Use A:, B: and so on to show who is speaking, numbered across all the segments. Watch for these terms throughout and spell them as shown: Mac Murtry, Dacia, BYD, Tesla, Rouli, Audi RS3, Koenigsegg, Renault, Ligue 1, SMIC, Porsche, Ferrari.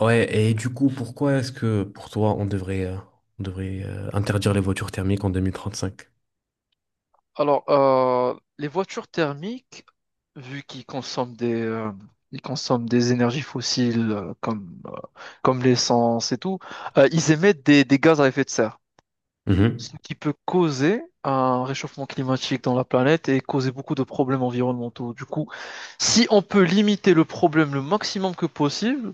A: Ouais, et du coup, pourquoi est-ce que pour toi, on devrait interdire les voitures thermiques en 2035?
B: Alors, les voitures thermiques, vu qu'ils consomment ils consomment des énergies fossiles comme l'essence et tout, ils émettent des gaz à effet de serre, ce
A: Mhm,
B: qui peut causer un réchauffement climatique dans la planète et causer beaucoup de problèmes environnementaux. Du coup, si on peut limiter le problème le maximum que possible,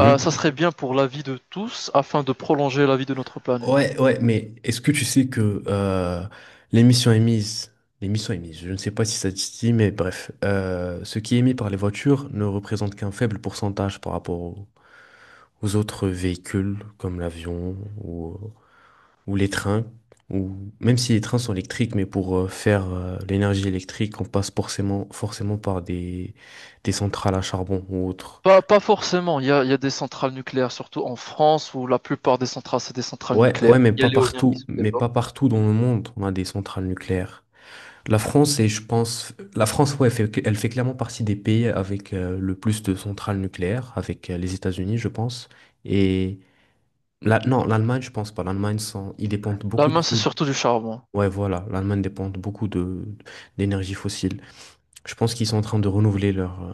B: ça serait bien pour la vie de tous afin de prolonger la vie de notre planète.
A: Ouais, ouais, mais est-ce que tu sais que l'émission émise, je ne sais pas si ça te dit, mais bref, ce qui est émis par les voitures ne représente qu'un faible pourcentage par rapport aux autres véhicules comme l'avion, ou, ou les trains, ou même si les trains sont électriques, mais pour faire l'énergie électrique, on passe forcément par des centrales à charbon ou autres.
B: Pas forcément. Il y a des centrales nucléaires, surtout en France, où la plupart des centrales, c'est des centrales
A: Ouais,
B: nucléaires.
A: ouais,
B: Il y a l'éolien qui se
A: mais
B: développe.
A: pas partout dans le monde, on a des centrales nucléaires. La France, et je pense, la France, ouais, elle fait clairement partie des pays avec le plus de centrales nucléaires, avec les États-Unis, je pense. Et non, l'Allemagne, je pense pas. L'Allemagne, ils dépendent beaucoup
B: L'Allemagne, c'est
A: trop.
B: surtout du charbon.
A: Ouais, voilà, l'Allemagne dépend beaucoup de d'énergie fossile. Je pense qu'ils sont en train de renouveler leur, euh,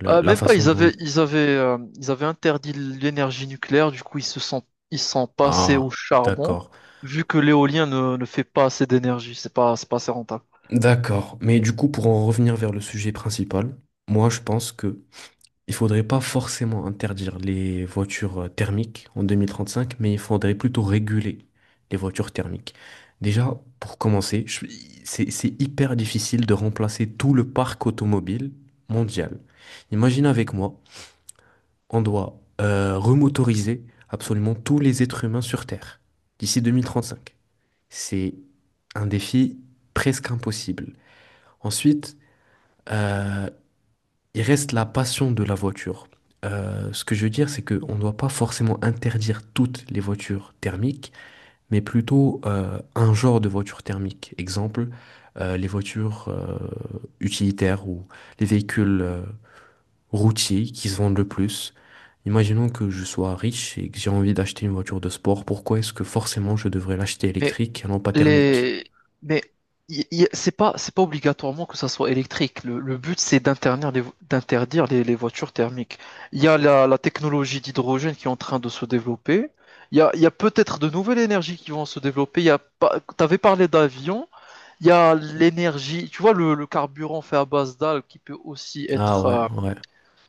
A: le- la
B: Même pas,
A: façon dont ils...
B: ils avaient interdit l'énergie nucléaire, du coup, ils sont passés au
A: Ah,
B: charbon,
A: d'accord.
B: vu que l'éolien ne fait pas assez d'énergie. C'est pas assez rentable.
A: D'accord. Mais du coup, pour en revenir vers le sujet principal, moi, je pense que il faudrait pas forcément interdire les voitures thermiques en 2035, mais il faudrait plutôt réguler les voitures thermiques. Déjà, pour commencer, c'est hyper difficile de remplacer tout le parc automobile mondial. Imagine avec moi on doit remotoriser absolument tous les êtres humains sur Terre d'ici 2035. C'est un défi presque impossible. Ensuite, euh, il reste la passion de la voiture. Ce que je veux dire, c'est qu'on ne doit pas forcément interdire toutes les voitures thermiques, mais plutôt un genre de voiture thermique. Exemple, les voitures utilitaires ou les véhicules routiers qui se vendent le plus. Imaginons que je sois riche et que j'ai envie d'acheter une voiture de sport, pourquoi est-ce que forcément je devrais l'acheter
B: Mais
A: électrique et non pas thermique?
B: les... Mais c'est pas obligatoirement que ça soit électrique. Le but, c'est d'interdire d'interdire les voitures thermiques. Il y a la technologie d'hydrogène qui est en train de se développer. Il y a peut-être de nouvelles énergies qui vont se développer. Il y a pas... T'avais parlé d'avions. Il y a l'énergie, tu vois, le carburant fait à base d'algues qui peut aussi
A: Ah ouais, ouais.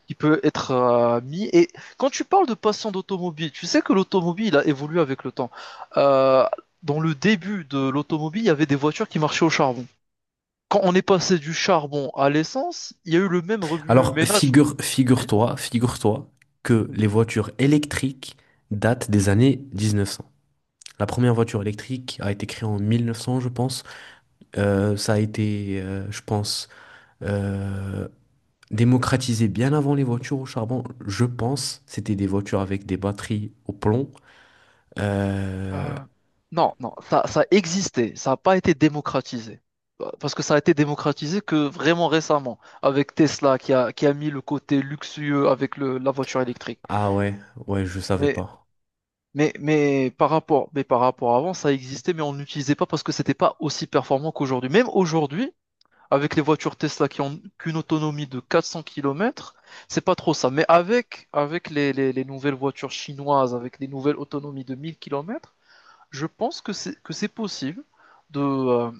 B: qui peut être mis. Et quand tu parles de passant d'automobile, tu sais que l'automobile a évolué avec le temps. Euh, Dans le début de l'automobile, il y avait des voitures qui marchaient au charbon. Quand on est passé du charbon à l'essence, il y a eu le même rebut
A: Alors
B: ménage.
A: figure-toi que les voitures électriques datent des années 1900. La première voiture électrique a été créée en 1900, je pense. Ça a été, je pense, euh, démocratisé bien avant les voitures au charbon. Je pense, c'était des voitures avec des batteries au plomb. Euh,
B: Euh, non, non, ça existait, ça n'a pas été démocratisé. Parce que ça a été démocratisé que vraiment récemment, avec Tesla qui a mis le côté luxueux avec la voiture électrique.
A: Ah ouais, ouais, je savais
B: Mais
A: pas.
B: Mais, mais par rapport à avant, ça existait, mais on n'utilisait pas parce que c'était pas aussi performant qu'aujourd'hui. Même aujourd'hui, avec les voitures Tesla qui ont qu'une autonomie de 400 kilomètres, c'est pas trop ça. Mais avec les nouvelles voitures chinoises, avec les nouvelles autonomies de 1000 kilomètres, je pense que que c'est possible de, euh,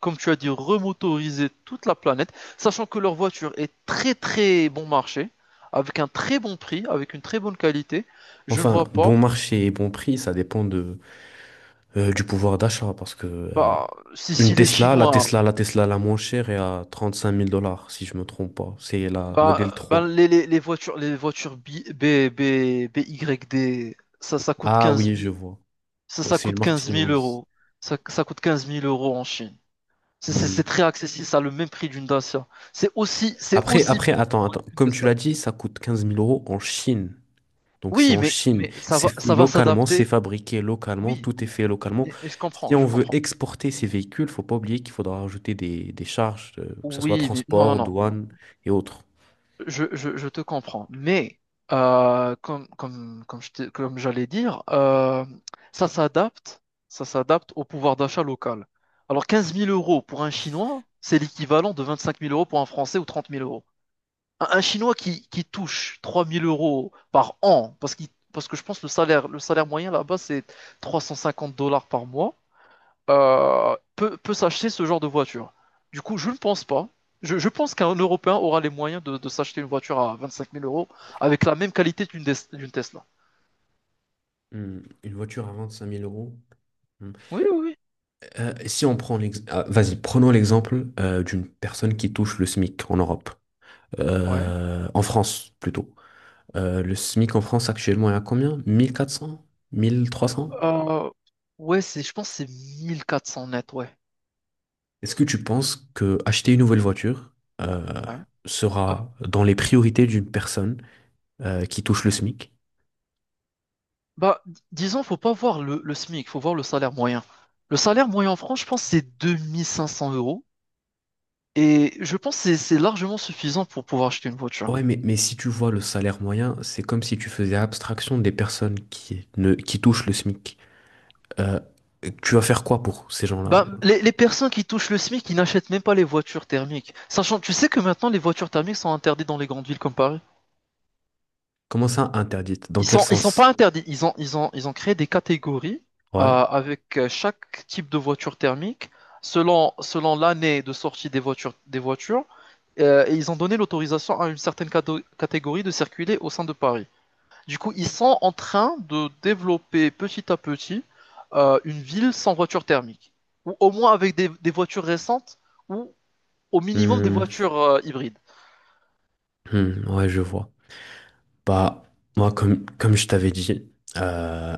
B: comme tu as dit, remotoriser toute la planète, sachant que leur voiture est très très bon marché, avec un très bon prix, avec une très bonne qualité. Je ne
A: Enfin,
B: vois pas.
A: bon marché et bon prix, ça dépend du pouvoir d'achat parce que
B: Bah, si, si
A: une
B: les
A: Tesla, la
B: Chinois,
A: Tesla, la Tesla la moins chère est à trente cinq mille dollars, si je me trompe pas. C'est la modèle
B: bah, bah,
A: 3.
B: les voitures BYD, ça coûte
A: Ah
B: quinze
A: oui, je
B: mille,
A: vois. Ouais,
B: ça
A: c'est une
B: coûte
A: marque
B: quinze mille
A: chinoise.
B: euros. Ça coûte quinze mille euros en Chine. C'est
A: Hmm.
B: très accessible, ça a le même prix d'une Dacia. C'est aussi bien
A: Attends.
B: qu'une
A: Comme tu
B: Tesla.
A: l'as dit, ça coûte 15 000 € en Chine. Donc c'est
B: Oui,
A: en
B: mais,
A: Chine, c'est fait
B: ça va
A: localement, c'est
B: s'adapter.
A: fabriqué localement,
B: Oui,
A: tout est
B: oui.
A: fait localement.
B: Mais,
A: Si on
B: je
A: veut
B: comprends.
A: exporter ces véhicules, faut pas oublier qu'il faudra rajouter des charges, que ce soit
B: Oui, mais non,
A: transport,
B: non, non.
A: douane et autres.
B: Je te comprends, mais comme comme j'allais dire, ça s'adapte, ça s'adapte au pouvoir d'achat local. Alors 15 000 euros pour un Chinois, c'est l'équivalent de 25 000 euros pour un Français ou 30 000 euros. Un Chinois qui touche 3 000 euros par an, parce que je pense que le salaire moyen là-bas, c'est $350 par mois peut s'acheter ce genre de voiture. Du coup, je ne pense pas. Je pense qu'un Européen aura les moyens de s'acheter une voiture à 25 000 euros avec la même qualité d'une Tesla.
A: Hmm. Une voiture à 25 000 euros. Hmm.
B: Oui, oui, oui.
A: Si on prend l'exemple, vas-y, prenons l'exemple d'une personne qui touche le SMIC en Europe.
B: Ouais.
A: En France plutôt. Le SMIC en France actuellement est à combien? 1400? 1300?
B: Euh, ouais, je pense que c'est 1400 net, ouais.
A: Est-ce que tu penses que acheter une nouvelle voiture euh,
B: Ouais. Euh,
A: sera dans les priorités d'une personne qui touche le SMIC?
B: Bah, disons, faut pas voir le SMIC, faut voir le salaire moyen. Le salaire moyen en France, je pense, c'est 2500 euros. Et je pense que c'est largement suffisant pour pouvoir acheter une voiture.
A: Ouais, mais si tu vois le salaire moyen, c'est comme si tu faisais abstraction des personnes qui, ne, qui touchent le SMIC. Euh, tu vas faire quoi pour ces gens-là?
B: Bah, les personnes qui touchent le SMIC, ils n'achètent même pas les voitures thermiques. Sachant, tu sais que maintenant les voitures thermiques sont interdites dans les grandes villes comme Paris.
A: Comment ça interdite? Dans quel
B: Ils sont
A: sens?
B: pas interdits. Ils ont créé des catégories
A: Ouais.
B: avec chaque type de voiture thermique selon l'année de sortie des voitures, des voitures. Et ils ont donné l'autorisation à une certaine catégorie de circuler au sein de Paris. Du coup, ils sont en train de développer petit à petit une ville sans voiture thermique, ou au moins avec des voitures récentes ou au minimum des
A: Hmm,
B: voitures hybrides.
A: hmm, ouais, je vois. Bah, moi, comme je t'avais dit, euh,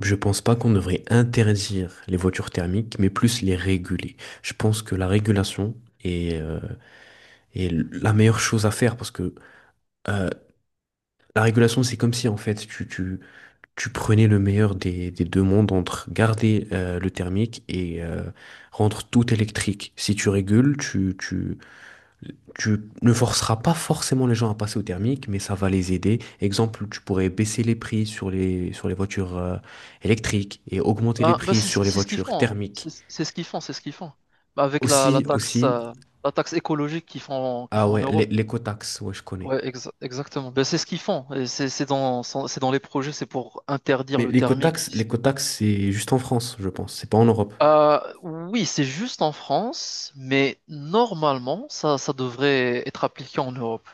A: je pense pas qu'on devrait interdire les voitures thermiques, mais plus les réguler. Je pense que la régulation est, est la meilleure chose à faire parce que euh, la régulation, c'est comme si en fait tu prenais le meilleur des deux mondes entre garder le thermique et rendre tout électrique. Si tu régules, tu ne forceras pas forcément les gens à passer au thermique, mais ça va les aider. Exemple, tu pourrais baisser les prix sur sur les voitures électriques et augmenter les prix
B: C'est
A: sur les
B: ce qu'ils
A: voitures
B: font, hein.
A: thermiques.
B: C'est ce qu'ils font. Ben, avec
A: Aussi, aussi,
B: la taxe écologique qu'ils
A: ah
B: font en
A: ouais,
B: Europe.
A: l'écotaxe, ouais, je connais.
B: Ouais, exactement. Ben, c'est ce qu'ils font. Et c'est dans les projets, c'est pour interdire
A: Mais
B: le thermique
A: l'écotaxe,
B: d'ici mille.
A: c'est juste en France, je pense. C'est pas en Europe.
B: Oui, c'est juste en France, mais normalement, ça devrait être appliqué en Europe.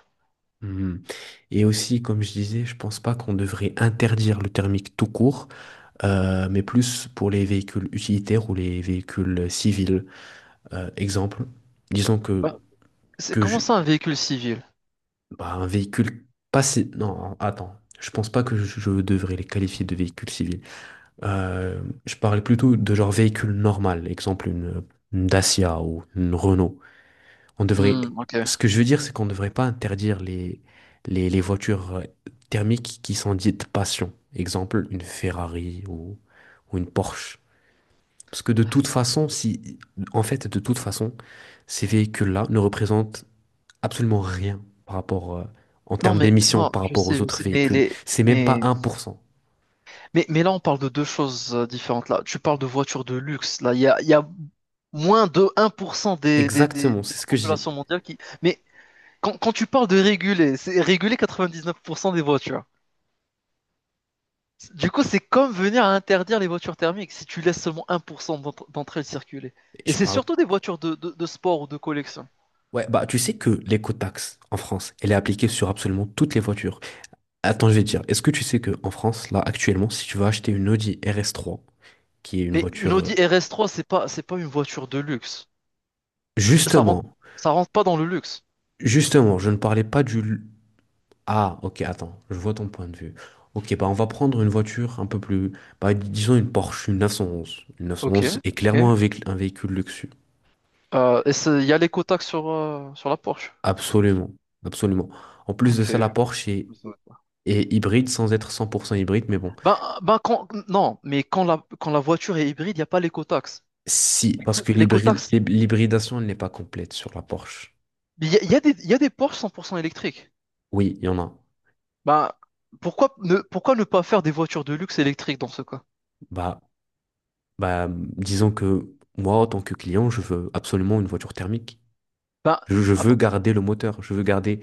A: Mhm. Et aussi, comme je disais, je pense pas qu'on devrait interdire le thermique tout court, mais plus pour les véhicules utilitaires ou les véhicules civils. Exemple, disons que
B: Ben, c'est
A: que
B: comment
A: je-
B: ça un véhicule civil?
A: bah, un véhicule passé. Non, attends. Je pense pas que je devrais les qualifier de véhicules civils. Je parlais plutôt de genre véhicule normal, exemple une Dacia ou une Renault. On devrait...
B: Hmm, ok.
A: Ce que je veux dire, c'est qu'on ne devrait pas interdire les voitures thermiques qui sont dites passion. Exemple, une Ferrari, ou une Porsche. Parce que de toute façon, si... En fait, de toute façon, ces véhicules-là ne représentent absolument rien par rapport, en
B: Non,
A: termes
B: mais
A: d'émissions
B: non,
A: par rapport aux
B: je
A: autres
B: sais,
A: véhicules. C'est même pas
B: mais
A: un pour cent.
B: Mais, on parle de deux choses différentes. Là, tu parles de voitures de luxe. Là, il y a moins de 1% de
A: Exactement, c'est
B: la
A: ce que je dis.
B: population mondiale qui. Mais quand tu parles de réguler, c'est réguler 99% des voitures. Du coup, c'est comme venir à interdire les voitures thermiques si tu laisses seulement 1% d'entre elles circuler. Et
A: Je
B: c'est
A: parle.
B: surtout des voitures de sport ou de collection.
A: Ouais, bah, tu sais que l'écotaxe en France, elle est appliquée sur absolument toutes les voitures. Attends, je vais te dire, est-ce que tu sais que en France, là, actuellement, si tu vas acheter une Audi RS3, qui est une
B: Mais une
A: voiture,
B: Audi RS3, c'est pas une voiture de luxe. Ça rentre,
A: Justement,
B: ça rentre pas dans le luxe.
A: justement, je ne parlais pas ah, ok, attends, je vois ton point de vue. Ok, bah on va prendre une voiture un peu plus, bah, disons une Porsche, une 911. Une
B: Ok,
A: 911 est
B: ok.
A: clairement un véhicule luxueux.
B: Et il y a l'éco-taxe sur la Porsche.
A: Absolument, absolument. En plus de
B: Ok.
A: ça, est hybride sans être 100% hybride, mais bon,
B: Ben, ben quand, non, mais quand quand la voiture est hybride, il n'y a pas l'éco-taxe.
A: si, parce
B: L'éco-,
A: que
B: l'éco-taxe,
A: l'hybridation elle n'est pas complète sur la Porsche.
B: il y a des Porsche 100% électriques.
A: Oui, il y en a.
B: Ben, pourquoi ne pas faire des voitures de luxe électriques dans ce cas?
A: Bah, disons que moi, en tant que client, je veux absolument une voiture thermique.
B: Ben,
A: Je veux
B: attends.
A: garder le moteur, je veux garder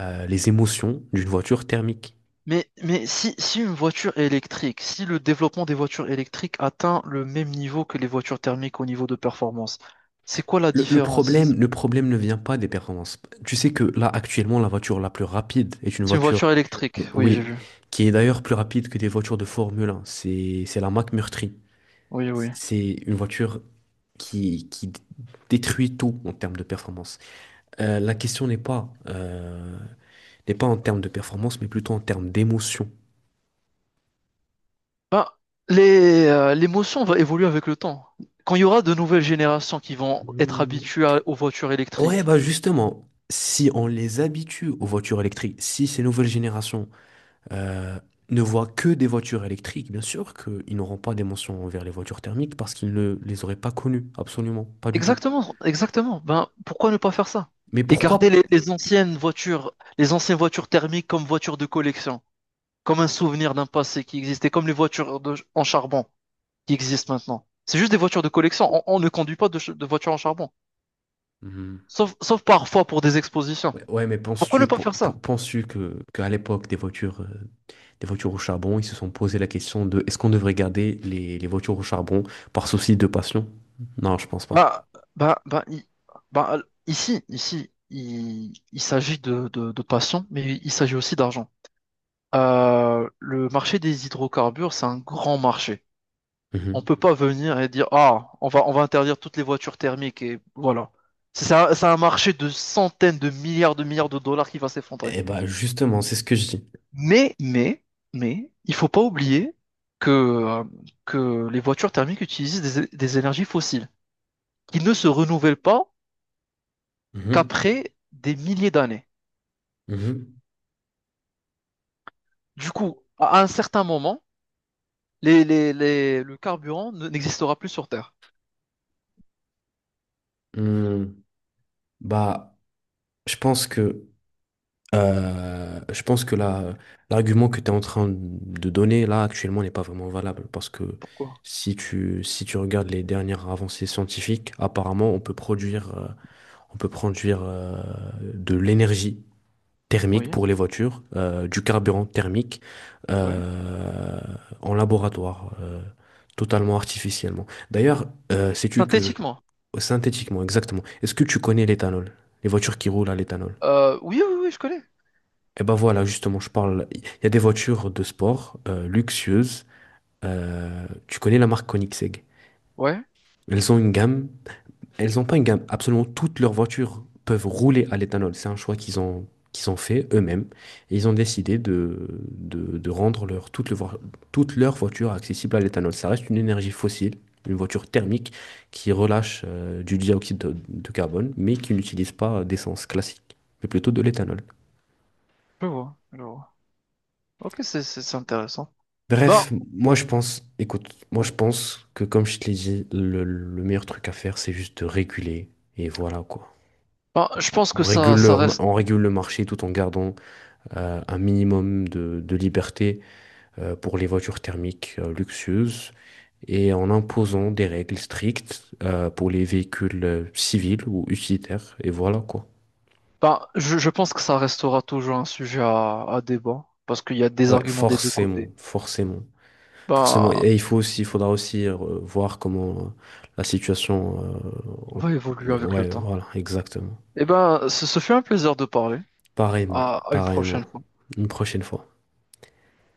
A: les émotions d'une voiture thermique.
B: Mais, si une voiture est électrique, si le développement des voitures électriques atteint le même niveau que les voitures thermiques au niveau de performance, c'est quoi la
A: Le, le
B: différence?
A: problème,
B: C'est
A: le problème ne vient pas des performances. Tu sais que là, actuellement, la voiture la plus rapide est
B: c'est une voiture électrique, oui, j'ai
A: oui,
B: vu.
A: qui est d'ailleurs plus rapide que des voitures de Formule 1. C'est la Mac Murtry.
B: Oui, oui.
A: C'est une voiture qui détruit tout en termes de performance. La question n'est pas en termes de performance, mais plutôt en termes d'émotion.
B: Ben, l'émotion va évoluer avec le temps. Quand il y aura de nouvelles générations qui vont être
A: Hmm.
B: habituées aux voitures
A: Ouais,
B: électriques.
A: bah justement, si on les habitue aux voitures électriques, si ces nouvelles générations euh, ne voient que des voitures électriques, bien sûr qu'ils n'auront pas des mentions envers les voitures thermiques parce qu'ils ne les auraient pas connues, absolument, pas du tout.
B: Exactement, exactement. Ben, pourquoi ne pas faire ça?
A: Mais
B: Et garder
A: pourquoi?
B: les anciennes voitures thermiques comme voitures de collection, comme un souvenir d'un passé qui existait, comme les voitures en charbon qui existent maintenant. C'est juste des voitures de collection. On ne conduit pas de voitures en charbon,
A: Mhm.
B: sauf, sauf parfois pour des expositions.
A: Ouais, ouais, mais
B: Pourquoi ne pas faire ça?
A: penses-tu que qu'à l'époque des voitures au charbon, ils se sont posé la question de est-ce qu'on devrait garder les voitures au charbon par souci de passion? Non, je pense pas.
B: Bah, bah, bah, i- ici, il s'agit de passion, mais il s'agit aussi d'argent. Le marché des hydrocarbures, c'est un grand marché. On
A: Mhm.
B: peut pas venir et dire, ah, on va interdire toutes les voitures thermiques et voilà. C'est un marché de centaines de milliards de milliards de dollars qui va s'effondrer.
A: Eh bah justement, c'est ce que je dis.
B: Mais, mais, mais, il faut pas oublier que, euh, que les voitures thermiques utilisent des énergies fossiles qui ne se renouvellent pas
A: Mhm.
B: qu'après des milliers d'années.
A: Mhm.
B: Du coup, à un certain moment, le carburant n'existera plus sur Terre.
A: Hmm. Bah, je pense que je pense que là, l'argument que tu es en train de donner là actuellement n'est pas vraiment valable parce que
B: Pourquoi?
A: si tu regardes les dernières avancées scientifiques, apparemment on peut produire de l'énergie thermique
B: Oui,
A: pour les voitures, du carburant thermique
B: ouais.
A: euh, en laboratoire, totalement artificiellement. D'ailleurs, sais-tu que,
B: Synthétiquement.
A: synthétiquement, exactement, est-ce que tu connais l'éthanol, les voitures qui roulent à l'éthanol?
B: Oui, oui, oui, je connais.
A: Et ben voilà, justement, je parle. Il y a des voitures de sport luxueuses. Tu connais la marque Koenigsegg.
B: Ouais,
A: Elles ont une gamme. Elles n'ont pas une gamme. Absolument toutes leurs voitures peuvent rouler à l'éthanol. C'est un choix qu'ils ont fait eux-mêmes. Et ils ont décidé de rendre leur, toutes, les voi- toutes leurs voitures accessibles à l'éthanol. Ça reste une énergie fossile, une voiture thermique qui relâche du dioxyde de carbone, mais qui n'utilise pas d'essence classique, mais plutôt de l'éthanol.
B: je vois, je vois. Ok, c'est intéressant. Ben,
A: Bref, moi je pense, écoute, moi je pense que comme je te l'ai dit, le meilleur truc à faire, c'est juste de réguler. Et voilà quoi.
B: je
A: On
B: pense que
A: on régule le,
B: ça reste.
A: on régule le marché tout en gardant un minimum de liberté pour les voitures thermiques luxueuses et en imposant des règles strictes pour les véhicules civils ou utilitaires. Et voilà quoi.
B: Ben, je pense que ça restera toujours un sujet à débat parce qu'il y a des
A: Ouais,
B: arguments des deux
A: forcément,
B: côtés.
A: forcément. Forcément,
B: Ben,
A: et il faudra aussi voir comment la situation
B: on va évoluer avec le
A: Ouais,
B: temps.
A: voilà, exactement.
B: Eh ben, ce fut un plaisir de parler.
A: Pareillement,
B: À à une prochaine
A: pareillement.
B: fois.
A: Une prochaine fois.